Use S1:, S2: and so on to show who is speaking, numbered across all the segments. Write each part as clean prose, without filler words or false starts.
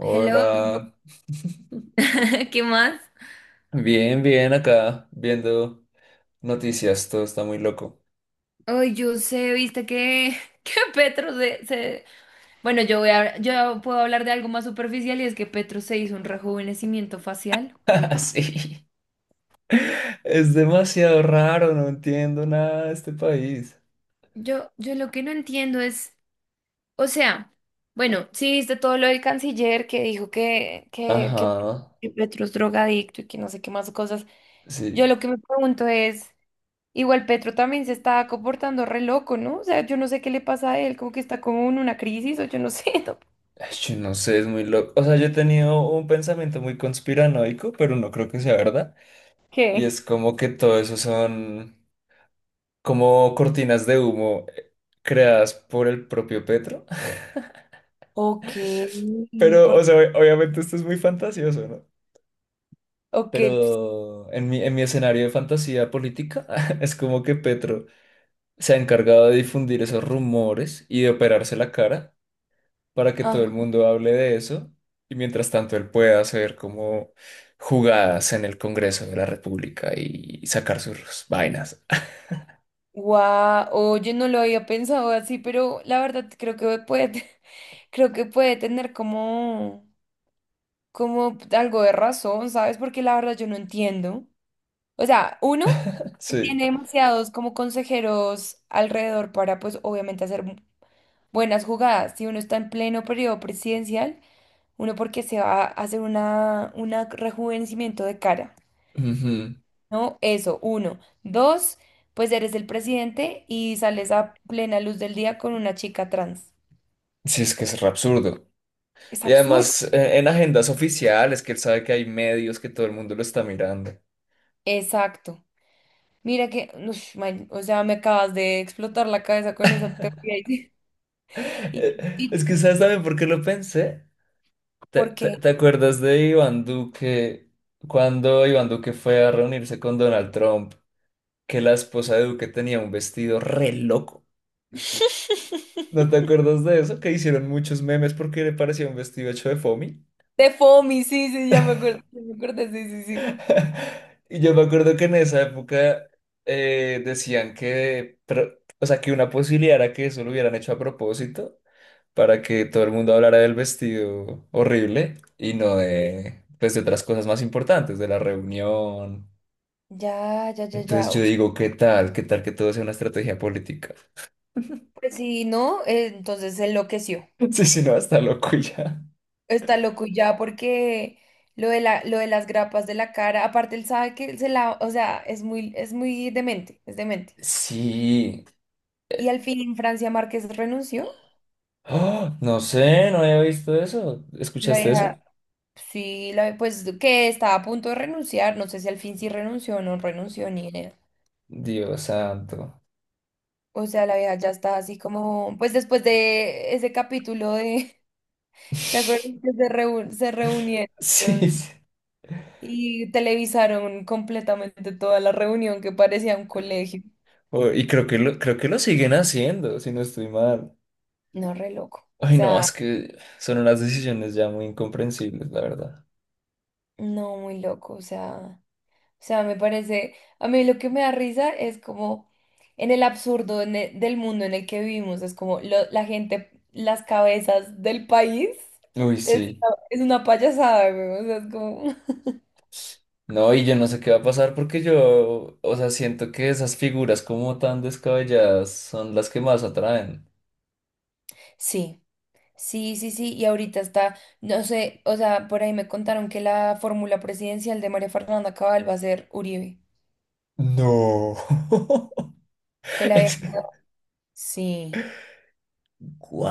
S1: Hello. ¿Qué más?
S2: bien, bien acá, viendo noticias, todo está muy loco.
S1: Ay, yo sé, viste que, que Bueno, yo puedo hablar de algo más superficial, y es que Petro se hizo un rejuvenecimiento facial.
S2: Sí, es demasiado raro, no entiendo nada de este país.
S1: Yo lo que no entiendo es, o sea, bueno, sí, viste todo lo del canciller, que dijo
S2: Ajá,
S1: que Petro es drogadicto y que no sé qué más cosas.
S2: sí.
S1: Yo lo que me pregunto es, igual Petro también se está comportando re loco, ¿no? O sea, yo no sé qué le pasa a él, como que está como en una crisis o yo no sé, ¿no?
S2: Ay, yo no sé, es muy loco. O sea, yo he tenido un pensamiento muy conspiranoico, pero no creo que sea verdad. Y
S1: ¿Qué?
S2: es como que todo eso son como cortinas de humo creadas por el propio Petro.
S1: Ok,
S2: Pero, o
S1: porque,
S2: sea, obviamente esto es muy fantasioso, ¿no?
S1: ok, pues,
S2: Pero en mi escenario de fantasía política es como que Petro se ha encargado de difundir esos rumores y de operarse la cara para que
S1: ah,
S2: todo el mundo hable de eso y mientras tanto él pueda hacer como jugadas en el Congreso de la República y sacar sus vainas.
S1: guau, oye, no lo había pensado así, pero la verdad creo que puede, creo que puede tener como, como algo de razón, ¿sabes? Porque la verdad yo no entiendo. O sea, uno
S2: Sí.
S1: tiene demasiados como consejeros alrededor para, pues, obviamente hacer buenas jugadas. Si uno está en pleno periodo presidencial, uno, porque se va a hacer un rejuvenecimiento de cara.
S2: Ujú.
S1: No, eso, uno. Dos, pues eres el presidente y sales a plena luz del día con una chica trans.
S2: Sí, es que es re absurdo.
S1: Es
S2: Y
S1: absurdo.
S2: además en agendas oficiales, que él sabe que hay medios, que todo el mundo lo está mirando.
S1: Exacto. Mira que, ush, man, o sea, me acabas de explotar la cabeza con esa teoría. ¿Y, y,
S2: Es que sabes también por qué lo pensé. ¿Te,
S1: ¿Por
S2: te-
S1: qué?
S2: te acuerdas de Iván Duque cuando Iván Duque fue a reunirse con Donald Trump? Que la esposa de Duque tenía un vestido re loco. ¿No te acuerdas de eso? Que hicieron muchos memes porque le parecía un vestido hecho de foamy.
S1: De FOMI, sí, sí, ya me acuerdo, sí, sí, sí.
S2: Y yo me acuerdo que en esa época decían que, pero, o sea, que una posibilidad era que eso lo hubieran hecho a propósito para que todo el mundo hablara del vestido horrible y no de, pues, de otras cosas más importantes, de la reunión.
S1: Ya, ya, ya,
S2: Entonces
S1: ya.
S2: yo
S1: Ush,
S2: digo, ¿qué tal? ¿Qué tal que todo sea una estrategia política?
S1: pues sí, ¿no? Entonces se enloqueció.
S2: Sí, si no, está loco y ya.
S1: Está loco ya porque lo de las grapas de la cara, aparte él sabe que se la, o sea, es muy demente, es demente.
S2: Sí.
S1: Y al fin Francia Márquez renunció.
S2: ¡Ah! No sé, no había visto eso.
S1: La
S2: ¿Escuchaste eso?
S1: vieja, sí, la, pues que estaba a punto de renunciar, no sé si al fin sí renunció o no renunció, ni idea.
S2: Dios santo.
S1: O sea, la vieja ya está así como, pues después de ese capítulo de, ¿te acuerdas que se, reú se reunieron
S2: Sí, sí.
S1: y televisaron completamente toda la reunión, que parecía un colegio?
S2: Oh, y creo que lo siguen haciendo, si no estoy mal.
S1: No, re loco. O
S2: Ay, no,
S1: sea,
S2: es que son unas decisiones ya muy incomprensibles, la verdad.
S1: no, muy loco. O sea, me parece. A mí lo que me da risa es como en el absurdo en del mundo en el que vivimos. Es como la gente, las cabezas del país.
S2: Uy,
S1: Es,
S2: sí.
S1: es una payasada, güey. O sea, es como.
S2: No, y yo no sé qué va a pasar porque yo, o sea, siento que esas figuras como tan descabelladas son las que más atraen.
S1: Sí, sí, sí, sí. Y ahorita está, no sé, o sea, por ahí me contaron que la fórmula presidencial de María Fernanda Cabal va a ser Uribe.
S2: No.
S1: Que la habían.
S2: Es-
S1: Sí.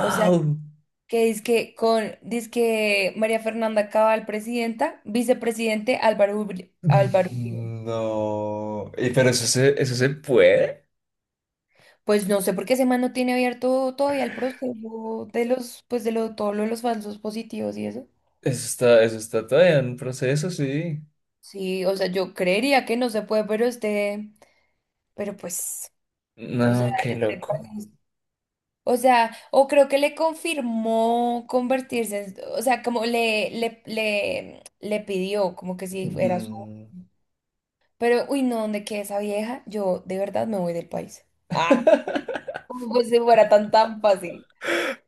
S1: O sea, que dizque con dizque María Fernanda Cabal presidenta, vicepresidente Álvaro Uribe.
S2: No. Y, pero eso se puede.
S1: Pues no sé por qué ese man no tiene abierto todavía el proceso de los, pues todo lo de los falsos positivos y eso.
S2: Eso está todavía en proceso, sí.
S1: Sí, o sea, yo creería que no se puede, pero este, pero pues, o sea,
S2: No, qué
S1: este
S2: loco.
S1: o sea, o creo que le confirmó convertirse, o sea, como le pidió, como que si era su.
S2: Mm.
S1: Pero, uy, no, donde quede esa vieja, yo de verdad me voy del país. Ah, ¿cómo? Pues si fuera tan tan fácil.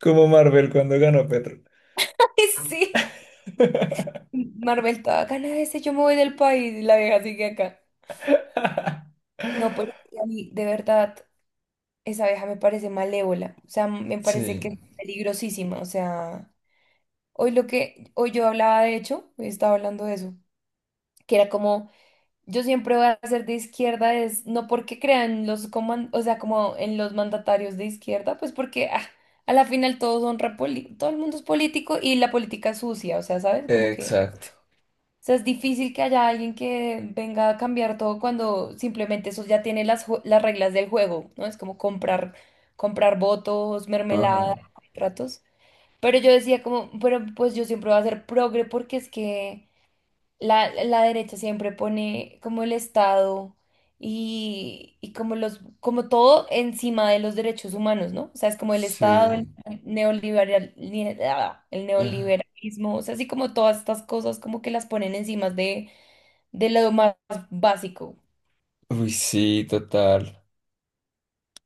S2: Como Marvel cuando ganó Petro.
S1: Ay, sí. Marvel, toda gana ese, yo me voy del país y la vieja sigue acá. No, pero es que a mí, de verdad, esa vieja me parece malévola. O sea, me parece
S2: Sí,
S1: que es peligrosísima. O sea, hoy lo que, hoy yo hablaba de hecho, hoy estaba hablando de eso, que era como. Yo siempre voy a ser de izquierda, es no porque crean los o sea, como en los mandatarios de izquierda, pues porque ah, a la final todos son todo el mundo es político y la política es sucia, o sea, ¿sabes? Como que,
S2: exacto.
S1: o sea, es difícil que haya alguien que venga a cambiar todo cuando simplemente eso ya tiene las, las reglas del juego, ¿no? Es como comprar votos, mermelada,
S2: Ajá.
S1: contratos. Pero yo decía como, pero pues yo siempre voy a ser progre, porque es que la derecha siempre pone como el Estado y como como todo encima de los derechos humanos, ¿no? O sea, es como el Estado, el
S2: Sí.
S1: neoliberal, el
S2: Ajá.
S1: neoliberalismo, o sea, así como todas estas cosas como que las ponen encima de lo más básico.
S2: Uy, sí, total.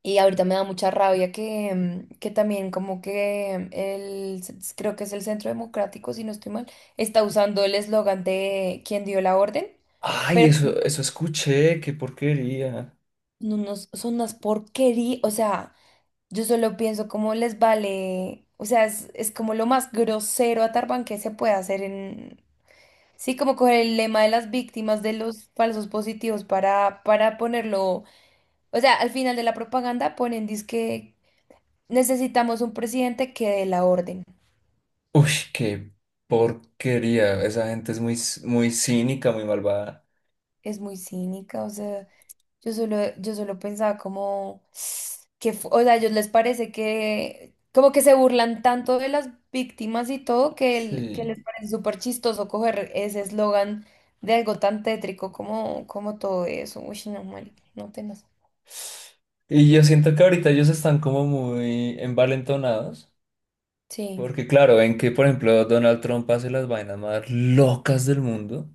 S1: Y ahorita me da mucha rabia que también como que el, creo que es el Centro Democrático, si no estoy mal, está usando el eslogan de quien dio la orden,
S2: Ay,
S1: pero
S2: eso escuché, qué porquería.
S1: no, no, son unas porquerías, o sea, yo solo pienso cómo les vale, o sea, es como lo más grosero a Tarban que se puede hacer en, sí, como coger el lema de las víctimas de los falsos positivos para ponerlo, o sea, al final de la propaganda ponen que necesitamos un presidente que dé la orden.
S2: Uy, qué porquería. Esa gente es muy, c- muy cínica, muy malvada.
S1: Es muy cínica, o sea. Yo solo pensaba como que, o sea, a ellos les parece que, como que se burlan tanto de las víctimas y todo, que, que
S2: Sí.
S1: les parece súper chistoso coger ese eslogan de algo tan tétrico como, como todo eso. Uy, no, marica, no tenaz.
S2: Y yo siento que ahorita ellos están como muy envalentonados.
S1: Sí,
S2: Porque claro, ven que, por ejemplo, Donald Trump hace las vainas más locas del mundo.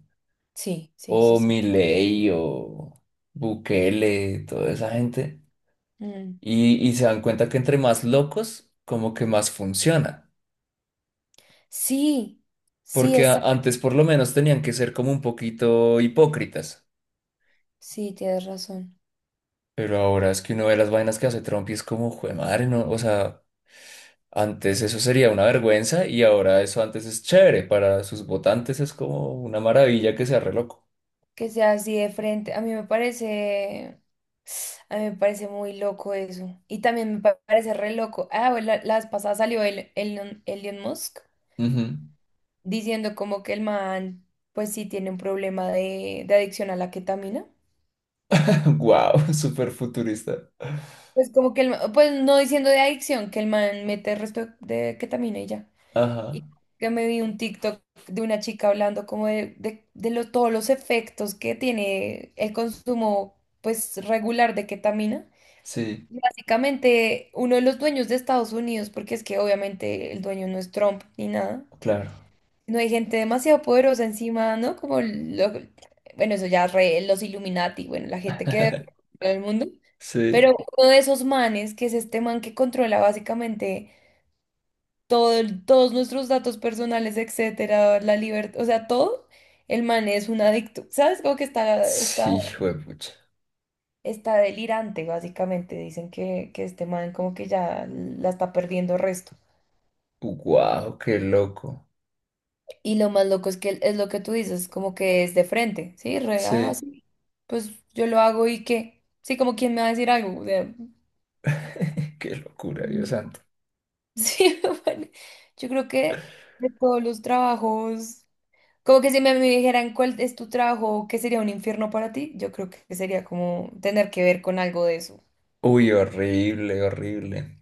S1: sí, sí, sí,
S2: O
S1: sí.
S2: Milei, o Bukele, toda esa gente.
S1: Mm.
S2: Y se dan cuenta que entre más locos, como que más funciona.
S1: Sí, sí,
S2: Porque a-
S1: exacto.
S2: antes por lo menos tenían que ser como un poquito hipócritas.
S1: Sí, tienes razón.
S2: Pero ahora es que uno ve las vainas que hace Trump y es como, jue madre, no, o sea, antes eso sería una vergüenza y ahora eso antes es chévere. Para sus votantes es como una maravilla que sea re loco.
S1: Que sea así de frente. A mí me parece. A mí me parece muy loco eso. Y también me parece re loco. Ah, bueno, la vez pasada salió el, Elon Musk diciendo como que el man, pues sí tiene un problema de adicción a la ketamina.
S2: Wow, súper futurista.
S1: Pues como que el pues no diciendo de adicción, que el man mete el resto de ketamina y ya.
S2: Ajá,
S1: Y que me vi un TikTok de una chica hablando como de todos los efectos que tiene el consumo, pues regular, de ketamina.
S2: sí,
S1: Básicamente, uno de los dueños de Estados Unidos, porque es que obviamente el dueño no es Trump ni nada.
S2: claro.
S1: No hay gente demasiado poderosa encima, ¿no? Como bueno, eso ya los Illuminati, bueno, la gente que del mundo. Pero
S2: Sí,
S1: uno de esos manes, que es este man que controla básicamente todo, todos nuestros datos personales, etcétera, la libertad, o sea, todo, el man es un adicto. ¿Sabes? Como que está
S2: sí, juepucha.
S1: delirante, básicamente. Dicen que este man como que ya la está perdiendo resto.
S2: Wow, qué loco.
S1: Y lo más loco es que es lo que tú dices, como que es de frente, ¿sí? Re, ah,
S2: Sí,
S1: sí, pues yo lo hago y qué. Sí, como quien me va a decir algo. O sea, mm.
S2: qué locura, Dios santo.
S1: Sí, bueno, yo creo que de todos los trabajos, como que si me dijeran cuál es tu trabajo, qué sería un infierno para ti, yo creo que sería como tener que ver con algo de eso.
S2: Uy, horrible, horrible.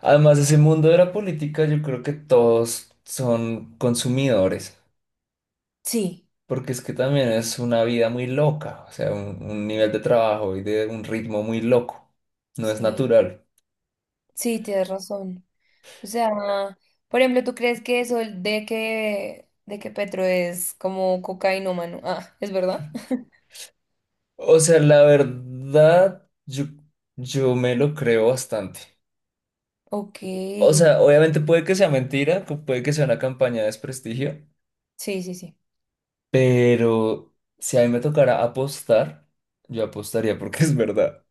S2: Además, ese mundo de la política, yo creo que todos son consumidores,
S1: Sí,
S2: porque es que también es una vida muy loca, o sea, un nivel de trabajo y de un ritmo muy loco, no es
S1: sí,
S2: natural.
S1: sí, tienes razón. O sea, por ejemplo, ¿tú crees que eso de que Petro es como cocainómano? Ah, ¿es verdad?
S2: O sea, la verdad, yo me lo creo bastante.
S1: Ok,
S2: O
S1: sí,
S2: sea, obviamente puede que sea mentira, pu- puede que sea una campaña de desprestigio,
S1: sí, sí.
S2: pero si a mí me tocara apostar, yo apostaría porque es verdad.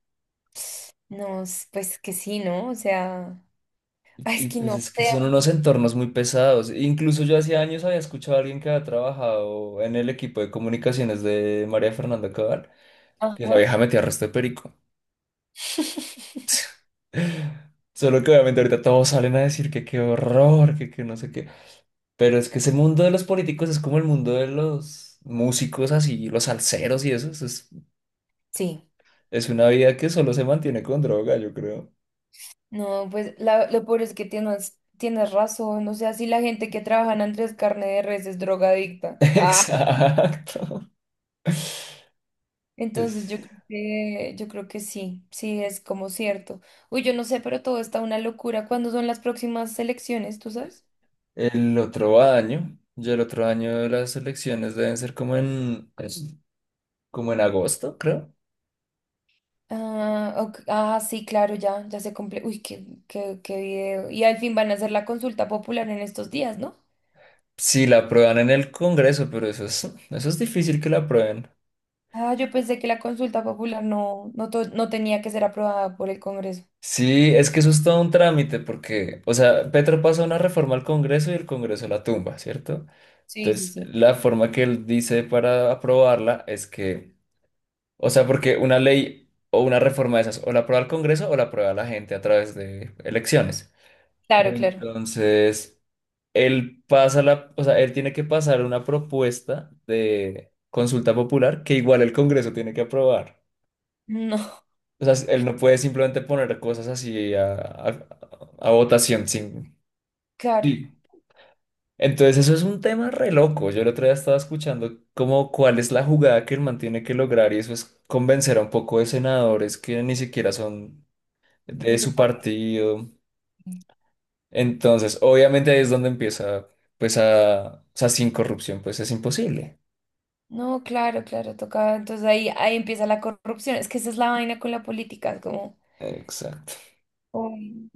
S1: No, pues que sí, ¿no? O sea, ay, es
S2: Y
S1: que
S2: pues
S1: no
S2: es que
S1: sé.
S2: son unos entornos muy pesados. Incluso yo hace años había escuchado a alguien que había trabajado en el equipo de comunicaciones de María Fernanda Cabal, que esa
S1: Ajá.
S2: vieja metía resto de perico. Solo que obviamente ahorita todos salen a decir que qué horror, que no sé qué. Pero es que ese mundo de los políticos es como el mundo de los músicos así, los salseros y eso.
S1: Sí,
S2: Es una vida que solo se mantiene con droga, yo creo.
S1: no, pues lo peor es que tienes, tienes razón. O sea, si la gente que trabaja en Andrés Carne de Res es drogadicta. Ah,
S2: Exacto.
S1: entonces
S2: Es-
S1: yo creo que sí, sí, es como cierto. Uy, yo no sé, pero todo está una locura. ¿Cuándo son las próximas elecciones, tú sabes?
S2: El otro año, ya el otro año las elecciones deben ser como en, es- como en agosto, creo.
S1: Ah, ok, ah, sí, claro, ya, ya se cumple. Uy, qué video. Y al fin van a hacer la consulta popular en estos días, ¿no?
S2: Sí, la aprueban en el Congreso, pero eso es difícil que la aprueben.
S1: Ah, yo pensé que la consulta popular no tenía que ser aprobada por el Congreso.
S2: Sí, es que eso es todo un trámite, porque, o sea, Petro pasa una reforma al Congreso y el Congreso la tumba, ¿cierto?
S1: Sí, sí,
S2: Entonces,
S1: sí.
S2: la forma que él dice para aprobarla es que, o sea, porque una ley o una reforma de esas, o la aprueba el Congreso o la aprueba la gente a través de elecciones.
S1: Claro, claro.
S2: Entonces... Él pasa la, o sea, él tiene que pasar una propuesta de consulta popular que igual el Congreso tiene que aprobar.
S1: No,
S2: O sea, él no puede simplemente poner cosas así a votación sin...
S1: claro,
S2: Sí. Entonces eso es un tema re loco. Yo el otro día estaba escuchando como cuál es la jugada que el man tiene que lograr y eso es convencer a un poco de senadores que ni siquiera son de
S1: de su
S2: su
S1: parte.
S2: partido. Entonces, obviamente ahí es donde empieza, pues a, o sea, sin corrupción, pues es imposible.
S1: No, claro, claro, toca. Entonces ahí empieza la corrupción. Es que esa es la vaina con la política, es como,
S2: Exacto.
S1: uy,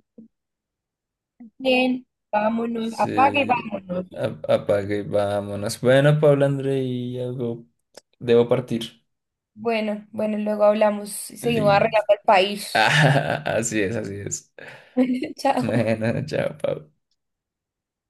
S1: bien, vámonos, apague y
S2: Sí,
S1: vámonos.
S2: a- apague, y vámonos. Bueno, Pablo Andrei, algo. Debo partir.
S1: Bueno, bueno, luego hablamos y seguimos
S2: Liz.
S1: arreglando el país.
S2: Así es, así es.
S1: Chao.
S2: Bueno, chao, Pablo.